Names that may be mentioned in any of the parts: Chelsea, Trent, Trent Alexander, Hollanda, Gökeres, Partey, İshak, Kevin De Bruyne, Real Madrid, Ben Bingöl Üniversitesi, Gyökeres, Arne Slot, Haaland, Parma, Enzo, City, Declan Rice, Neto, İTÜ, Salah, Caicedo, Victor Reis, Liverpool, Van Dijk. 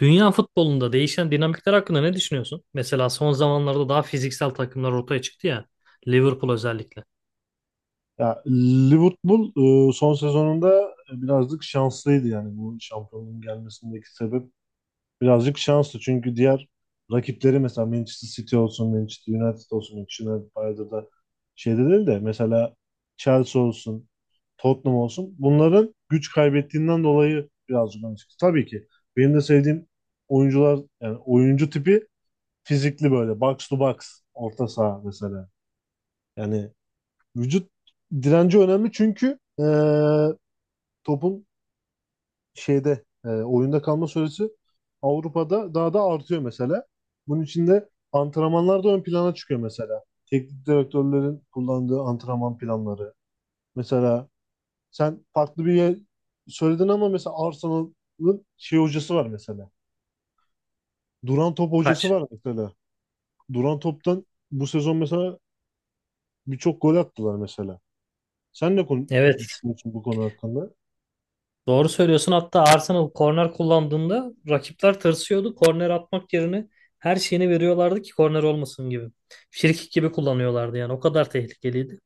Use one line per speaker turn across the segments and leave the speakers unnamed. Dünya futbolunda değişen dinamikler hakkında ne düşünüyorsun? Mesela son zamanlarda daha fiziksel takımlar ortaya çıktı ya. Liverpool özellikle.
Ya, Liverpool son sezonunda birazcık şanslıydı, yani bu şampiyonluğun gelmesindeki sebep birazcık şanslı, çünkü diğer rakipleri, mesela Manchester City olsun, Manchester United olsun. Manchester United bayağıdır da şeyde değil de, mesela Chelsea olsun, Tottenham olsun, bunların güç kaybettiğinden dolayı birazcık öne çıktı. Tabii ki benim de sevdiğim oyuncular, yani oyuncu tipi, fizikli, böyle box to box orta saha mesela. Yani vücut direnci önemli çünkü topun şeyde, oyunda kalma süresi Avrupa'da daha da artıyor mesela. Bunun için de antrenmanlar da ön plana çıkıyor mesela. Teknik direktörlerin kullandığı antrenman planları. Mesela sen farklı bir yer söyledin ama mesela Arsenal'ın şey hocası var mesela. Duran top hocası
Kaç?
var mesela. Duran toptan bu sezon mesela birçok gol attılar mesela. Sen ne konu
Evet.
düşünüyorsun bu konu hakkında?
Doğru söylüyorsun. Hatta Arsenal korner kullandığında rakipler tırsıyordu. Korner atmak yerine her şeyini veriyorlardı ki korner olmasın gibi. Frikik gibi kullanıyorlardı yani. O kadar tehlikeliydi.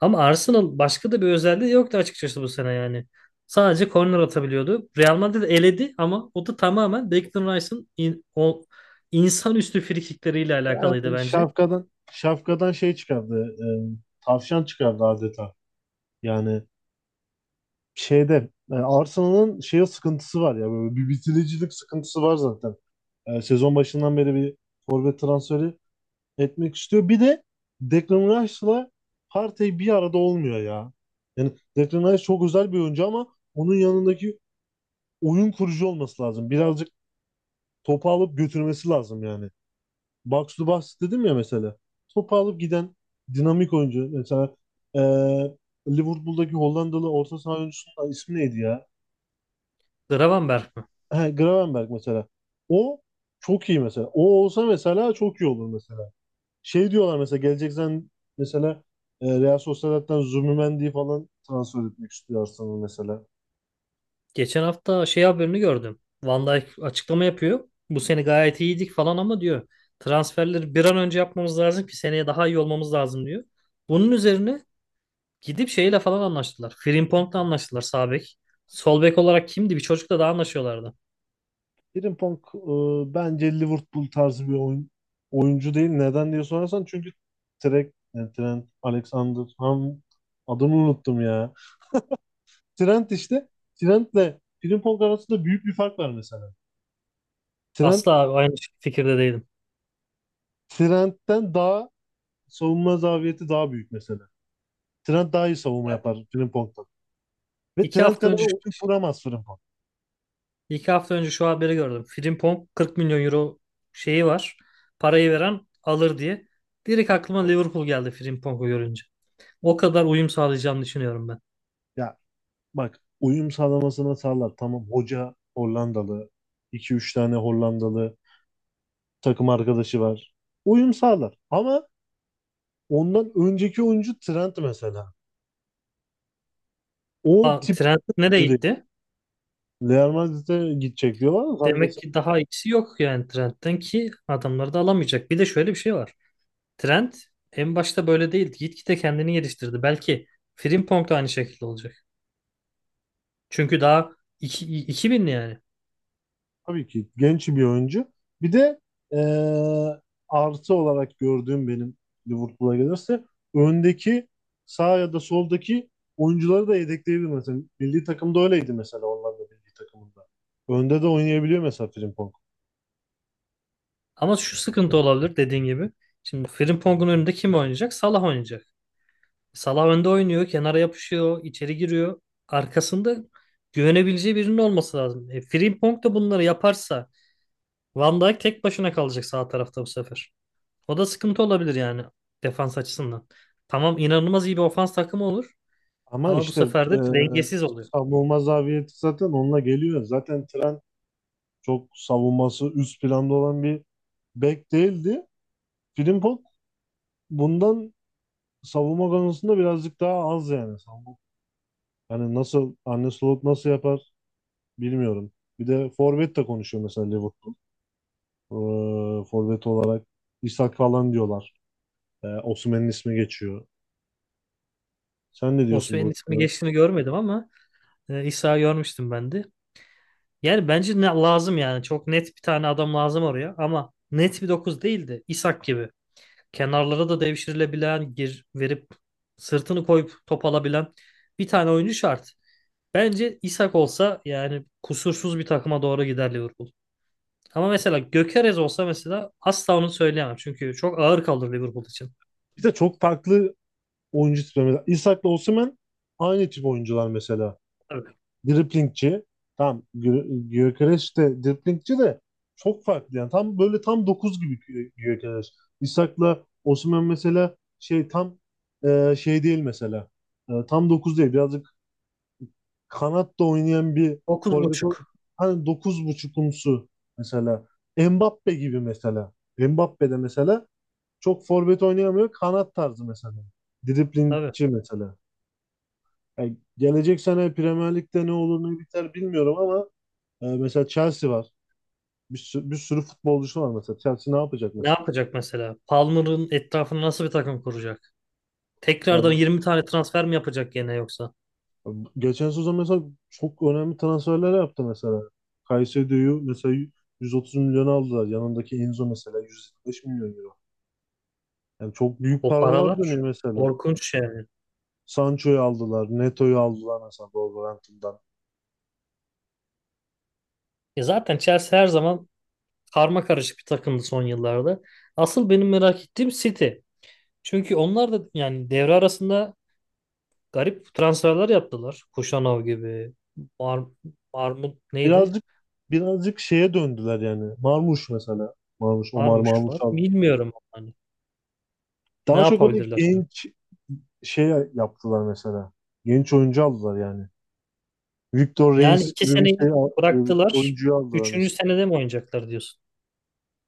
Ama Arsenal başka da bir özelliği yoktu açıkçası bu sene yani. Sadece korner atabiliyordu. Real Madrid eledi ama o da tamamen o insanüstü frikikleriyle alakalıydı
Yani
bence.
şapkadan şey çıkardı. Tavşan çıkardı adeta. Yani şeyde, Arsenal'ın şeye sıkıntısı var ya, böyle bir bitiricilik sıkıntısı var zaten. Sezon başından beri bir forvet transferi etmek istiyor. Bir de Declan Rice'la Partey bir arada olmuyor ya. Yani Declan Rice çok özel bir oyuncu ama onun yanındaki oyun kurucu olması lazım. Birazcık topu alıp götürmesi lazım yani. Bucks to Bucks dedim ya mesela. Topu alıp giden dinamik oyuncu. Mesela e, Liverpool'daki Hollandalı orta saha oyuncusunun ismi neydi ya?
Gravenberg mi?
He, Gravenberch mesela. O çok iyi mesela. O olsa mesela çok iyi olur mesela. Şey diyorlar mesela, geleceksen mesela, Real Sociedad'dan Zubimendi falan transfer etmek istiyor Arsenal mesela.
Geçen hafta şey haberini gördüm. Van Dijk açıklama yapıyor. Bu sene gayet iyiydik falan ama diyor. Transferleri bir an önce yapmamız lazım ki seneye daha iyi olmamız lazım diyor. Bunun üzerine gidip şeyle falan anlaştılar. Frimpong'la anlaştılar sağ bek. Sol bek olarak kimdi? Bir çocukla daha anlaşıyorlardı.
Frimpong, bence Liverpool tarzı bir oyun, oyuncu değil. Neden diye sorarsan, çünkü Trent, yani Trent Alexander ham, adını unuttum ya. Trent işte, Trent'le Frimpong arasında büyük bir fark var mesela. Trent
Asla abi, aynı fikirde değilim.
Trent'ten daha savunma zafiyeti daha büyük mesela. Trent daha iyi savunma yapar Frimpong'dan. Ve
İki
Trent
hafta
kadar
önce
oyun kuramaz Frimpong.
iki hafta önce şu haberi gördüm. Frimpong 40 milyon euro şeyi var. Parayı veren alır diye. Direkt aklıma Liverpool geldi Frimpong'u görünce. O kadar uyum sağlayacağını düşünüyorum ben.
Ya bak, uyum sağlamasına sağlar. Tamam, hoca Hollandalı. İki üç tane Hollandalı takım arkadaşı var. Uyum sağlar. Ama ondan önceki oyuncu Trent mesela. O
Aa,
tip
Trent nereye
oyuncu değil.
gitti?
Real Madrid'e gidecek diyorlar ama tam
Demek
kesin,
ki daha iyisi yok yani Trent'ten ki adamları da alamayacak. Bir de şöyle bir şey var. Trent en başta böyle değildi. Gitgide kendini geliştirdi. Belki Frimpong da aynı şekilde olacak. Çünkü daha iki 2000'li yani.
tabii ki genç bir oyuncu. Bir de eee artı olarak gördüğüm, benim Liverpool'a gelirse öndeki sağ ya da soldaki oyuncuları da yedekleyebilir mesela. Milli takımda öyleydi mesela, Hollanda milli takımında. Önde de oynayabiliyor mesela Frimpong.
Ama şu sıkıntı olabilir dediğin gibi. Şimdi Frimpong'un önünde kim oynayacak? Salah oynayacak. Salah önde oynuyor, kenara yapışıyor, içeri giriyor. Arkasında güvenebileceği birinin olması lazım. E, Frimpong da bunları yaparsa Van Dijk tek başına kalacak sağ tarafta bu sefer. O da sıkıntı olabilir yani defans açısından. Tamam inanılmaz iyi bir ofans takımı olur
Ama
ama bu
işte
sefer de dengesiz oluyor.
savunma zafiyeti zaten onunla geliyor. Zaten Trent çok savunması üst planda olan bir bek değildi. Frimpong bundan savunma konusunda birazcık daha az yani. Savunma- yani Arne Slot nasıl yapar bilmiyorum. Bir de forvet de konuşuyor mesela Liverpool. Forvet olarak İshak falan diyorlar. Osimhen'in ismi geçiyor. Sen ne diyorsun bu
Osimhen'in ismi
konuda?
geçtiğini görmedim ama İsa'yı görmüştüm ben de. Yani bence ne lazım yani. Çok net bir tane adam lazım oraya ama net bir 9 değildi. De İshak gibi. Kenarlara da devşirilebilen, gir verip sırtını koyup top alabilen bir tane oyuncu şart. Bence İshak olsa yani kusursuz bir takıma doğru gider Liverpool. Ama mesela Gökeres olsa mesela asla onu söyleyemem. Çünkü çok ağır kalır Liverpool için.
Bir de çok farklı oyuncu tipi. Mesela İshak'la Osimhen aynı tip oyuncular mesela.
Tabii.
Driplingçi. Tam Gyökeres de driplingçi de çok farklı yani. Tam böyle tam 9 gibi Gyökeres. İshak'la Osimhen mesela şey tam, şey değil mesela. Tam 9 değil. Birazcık kanatta oynayan bir
Dokuz
forvet ol.
buçuk.
Hani dokuz buçukumsu mesela. Mbappe gibi mesela. Mbappe de mesela çok forvet oynayamıyor. Kanat tarzı mesela.
Tabii.
Driplingçi mesela. Yani gelecek sene Premier Lig'de ne olur ne biter bilmiyorum ama mesela Chelsea var. Bir sürü futbolcusu var mesela. Chelsea ne yapacak
Ne
mesela?
yapacak mesela? Palmer'ın etrafını nasıl bir takım kuracak? Tekrardan
Yani
20 tane transfer mi yapacak gene yoksa?
geçen sezon mesela çok önemli transferler yaptı mesela. Caicedo'yu mesela 130 milyon aldılar. Yanındaki Enzo mesela 125 milyon euro. Yani çok büyük
O
paralar
paralar
dönüyor
şu-
mesela.
Korkunç yani.
Sancho'yu aldılar, Neto'yu aldılar mesela Wolverhampton'dan.
Ya zaten Chelsea her zaman karma karışık bir takımdı son yıllarda. Asıl benim merak ettiğim City. Çünkü onlar da yani devre arasında garip transferler yaptılar. Kuşanov gibi. Ar Armut neydi?
Birazcık birazcık şeye döndüler yani. Marmuş mesela. Marmuş, Omar
Varmış
Marmuş
var.
aldı.
Bilmiyorum hani. Ne
Daha çok böyle
yapabilirler seni?
genç şey yaptılar mesela. Genç oyuncu aldılar yani. Victor
Yani
Reis
iki
gibi bir şey
seneyi bıraktılar.
oyuncuyu aldılar
Üçüncü
mesela.
senede mi oynayacaklar diyorsun?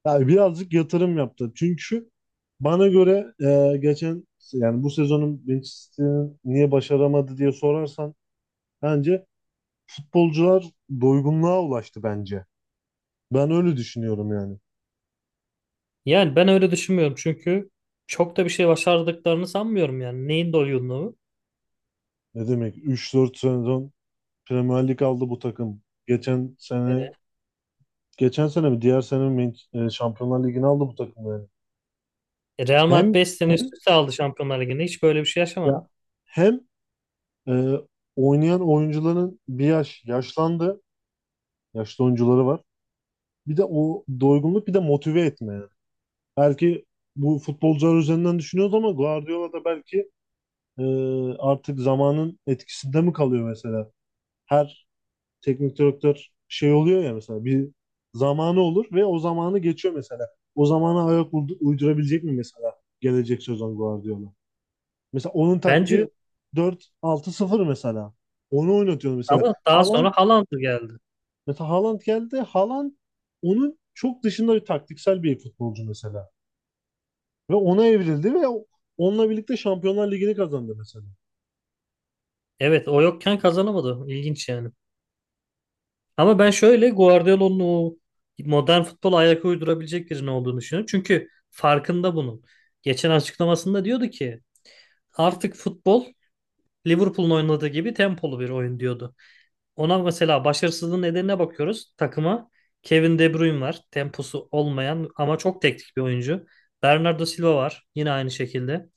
Yani birazcık yatırım yaptı. Çünkü bana göre, geçen yani bu sezonun Manchester'ın niye başaramadı diye sorarsan, bence futbolcular doygunluğa ulaştı bence. Ben öyle düşünüyorum yani.
Yani ben öyle düşünmüyorum çünkü çok da bir şey başardıklarını sanmıyorum yani. Neyin doyumluğu?
Ne demek, 3-4 sezon Premier Lig aldı bu takım. Geçen sene mi diğer sene mi Man- Şampiyonlar Ligi'ni aldı bu takım yani.
Real Madrid
Hem
5 sene üst
hem
üste aldı Şampiyonlar Ligi'nde. Hiç böyle bir şey
ya
yaşamadı.
hem Ee, oynayan oyuncuların bir yaş yaşlandı. Yaşlı oyuncuları var. Bir de o doygunluk, bir de motive etme yani. Belki bu futbolcular üzerinden düşünüyoruz ama Guardiola da belki e, artık zamanın etkisinde mi kalıyor mesela? Her teknik direktör şey oluyor ya mesela, bir zamanı olur ve o zamanı geçiyor mesela. O zamana ayak uydurabilecek mi mesela gelecek sezon Guardiola? Mesela onun taktiği
Bence
4-6-0 mesela. Onu oynatıyor mesela.
ama daha
Haaland.
sonra Haaland geldi.
Mesela Haaland geldi. Haaland onun çok dışında bir taktiksel bir futbolcu mesela. Ve ona evrildi ve onunla birlikte Şampiyonlar Ligi'ni kazandı mesela.
Evet o yokken kazanamadı. İlginç yani. Ama ben şöyle Guardiola'nın o modern futbola ayak uydurabilecek birinin olduğunu düşünüyorum. Çünkü farkında bunun. Geçen açıklamasında diyordu ki artık futbol Liverpool'un oynadığı gibi tempolu bir oyun diyordu. Ona mesela başarısızlığın nedenine bakıyoruz. Takıma Kevin De Bruyne var. Temposu olmayan ama çok teknik bir oyuncu. Bernardo Silva var. Yine aynı şekilde.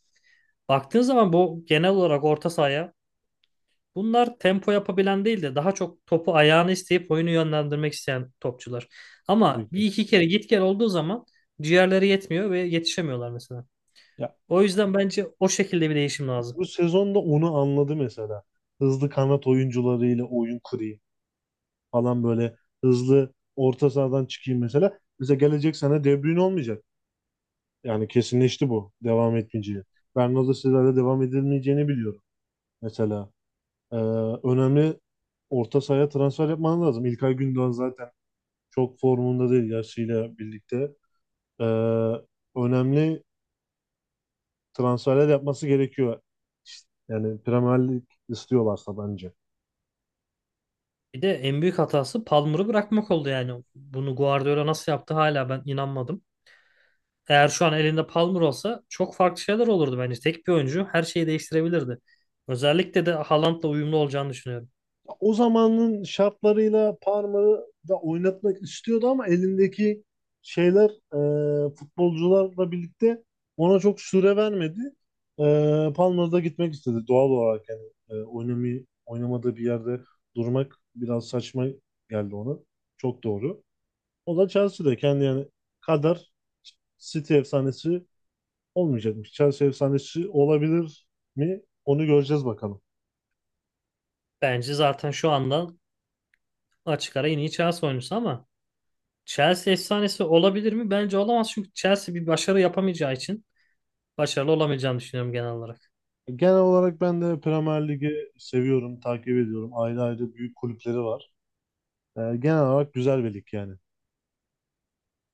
Baktığın zaman bu genel olarak orta sahaya bunlar tempo yapabilen değil de daha çok topu ayağını isteyip oyunu yönlendirmek isteyen topçular. Ama
Tabii
bir
ki.
iki kere git gel olduğu zaman ciğerleri yetmiyor ve yetişemiyorlar mesela.
Ya,
O yüzden bence o şekilde bir değişim lazım.
bu sezonda onu anladı mesela. Hızlı kanat oyuncularıyla oyun kurayım falan, böyle hızlı orta sahadan çıkayım mesela. Mesela gelecek sene De Bruyne olmayacak. Yani kesinleşti bu devam etmeyeceği. Bernardo Silva'yla devam edilmeyeceğini biliyorum mesela. Ee, Önemli orta sahaya transfer yapman lazım. İlkay Gündoğan zaten çok formunda değil yaşıyla birlikte. Ee, Önemli transferler yapması gerekiyor. Yani Premier Lig istiyorlarsa bence.
Bir de en büyük hatası Palmer'ı bırakmak oldu yani. Bunu Guardiola nasıl yaptı hala ben inanmadım. Eğer şu an elinde Palmer olsa çok farklı şeyler olurdu bence. Tek bir oyuncu her şeyi değiştirebilirdi. Özellikle de Haaland'la uyumlu olacağını düşünüyorum.
O zamanın şartlarıyla Parma'yı da oynatmak istiyordu ama elindeki şeyler, futbolcularla birlikte ona çok süre vermedi. E, Palmer'da gitmek istedi doğal olarak yani, oynamayı oynamadığı bir yerde durmak biraz saçma geldi ona. Çok doğru. O da Chelsea'deyken kendi yani kadar City efsanesi olmayacakmış. Chelsea efsanesi olabilir mi? Onu göreceğiz bakalım.
Bence zaten şu anda açık ara en iyi Chelsea oyuncusu ama Chelsea efsanesi olabilir mi? Bence olamaz çünkü Chelsea bir başarı yapamayacağı için başarılı olamayacağını düşünüyorum genel olarak.
Genel olarak ben de Premier Lig'i seviyorum, takip ediyorum. Ayrı ayrı büyük kulüpleri var. Genel olarak güzel bir lig yani.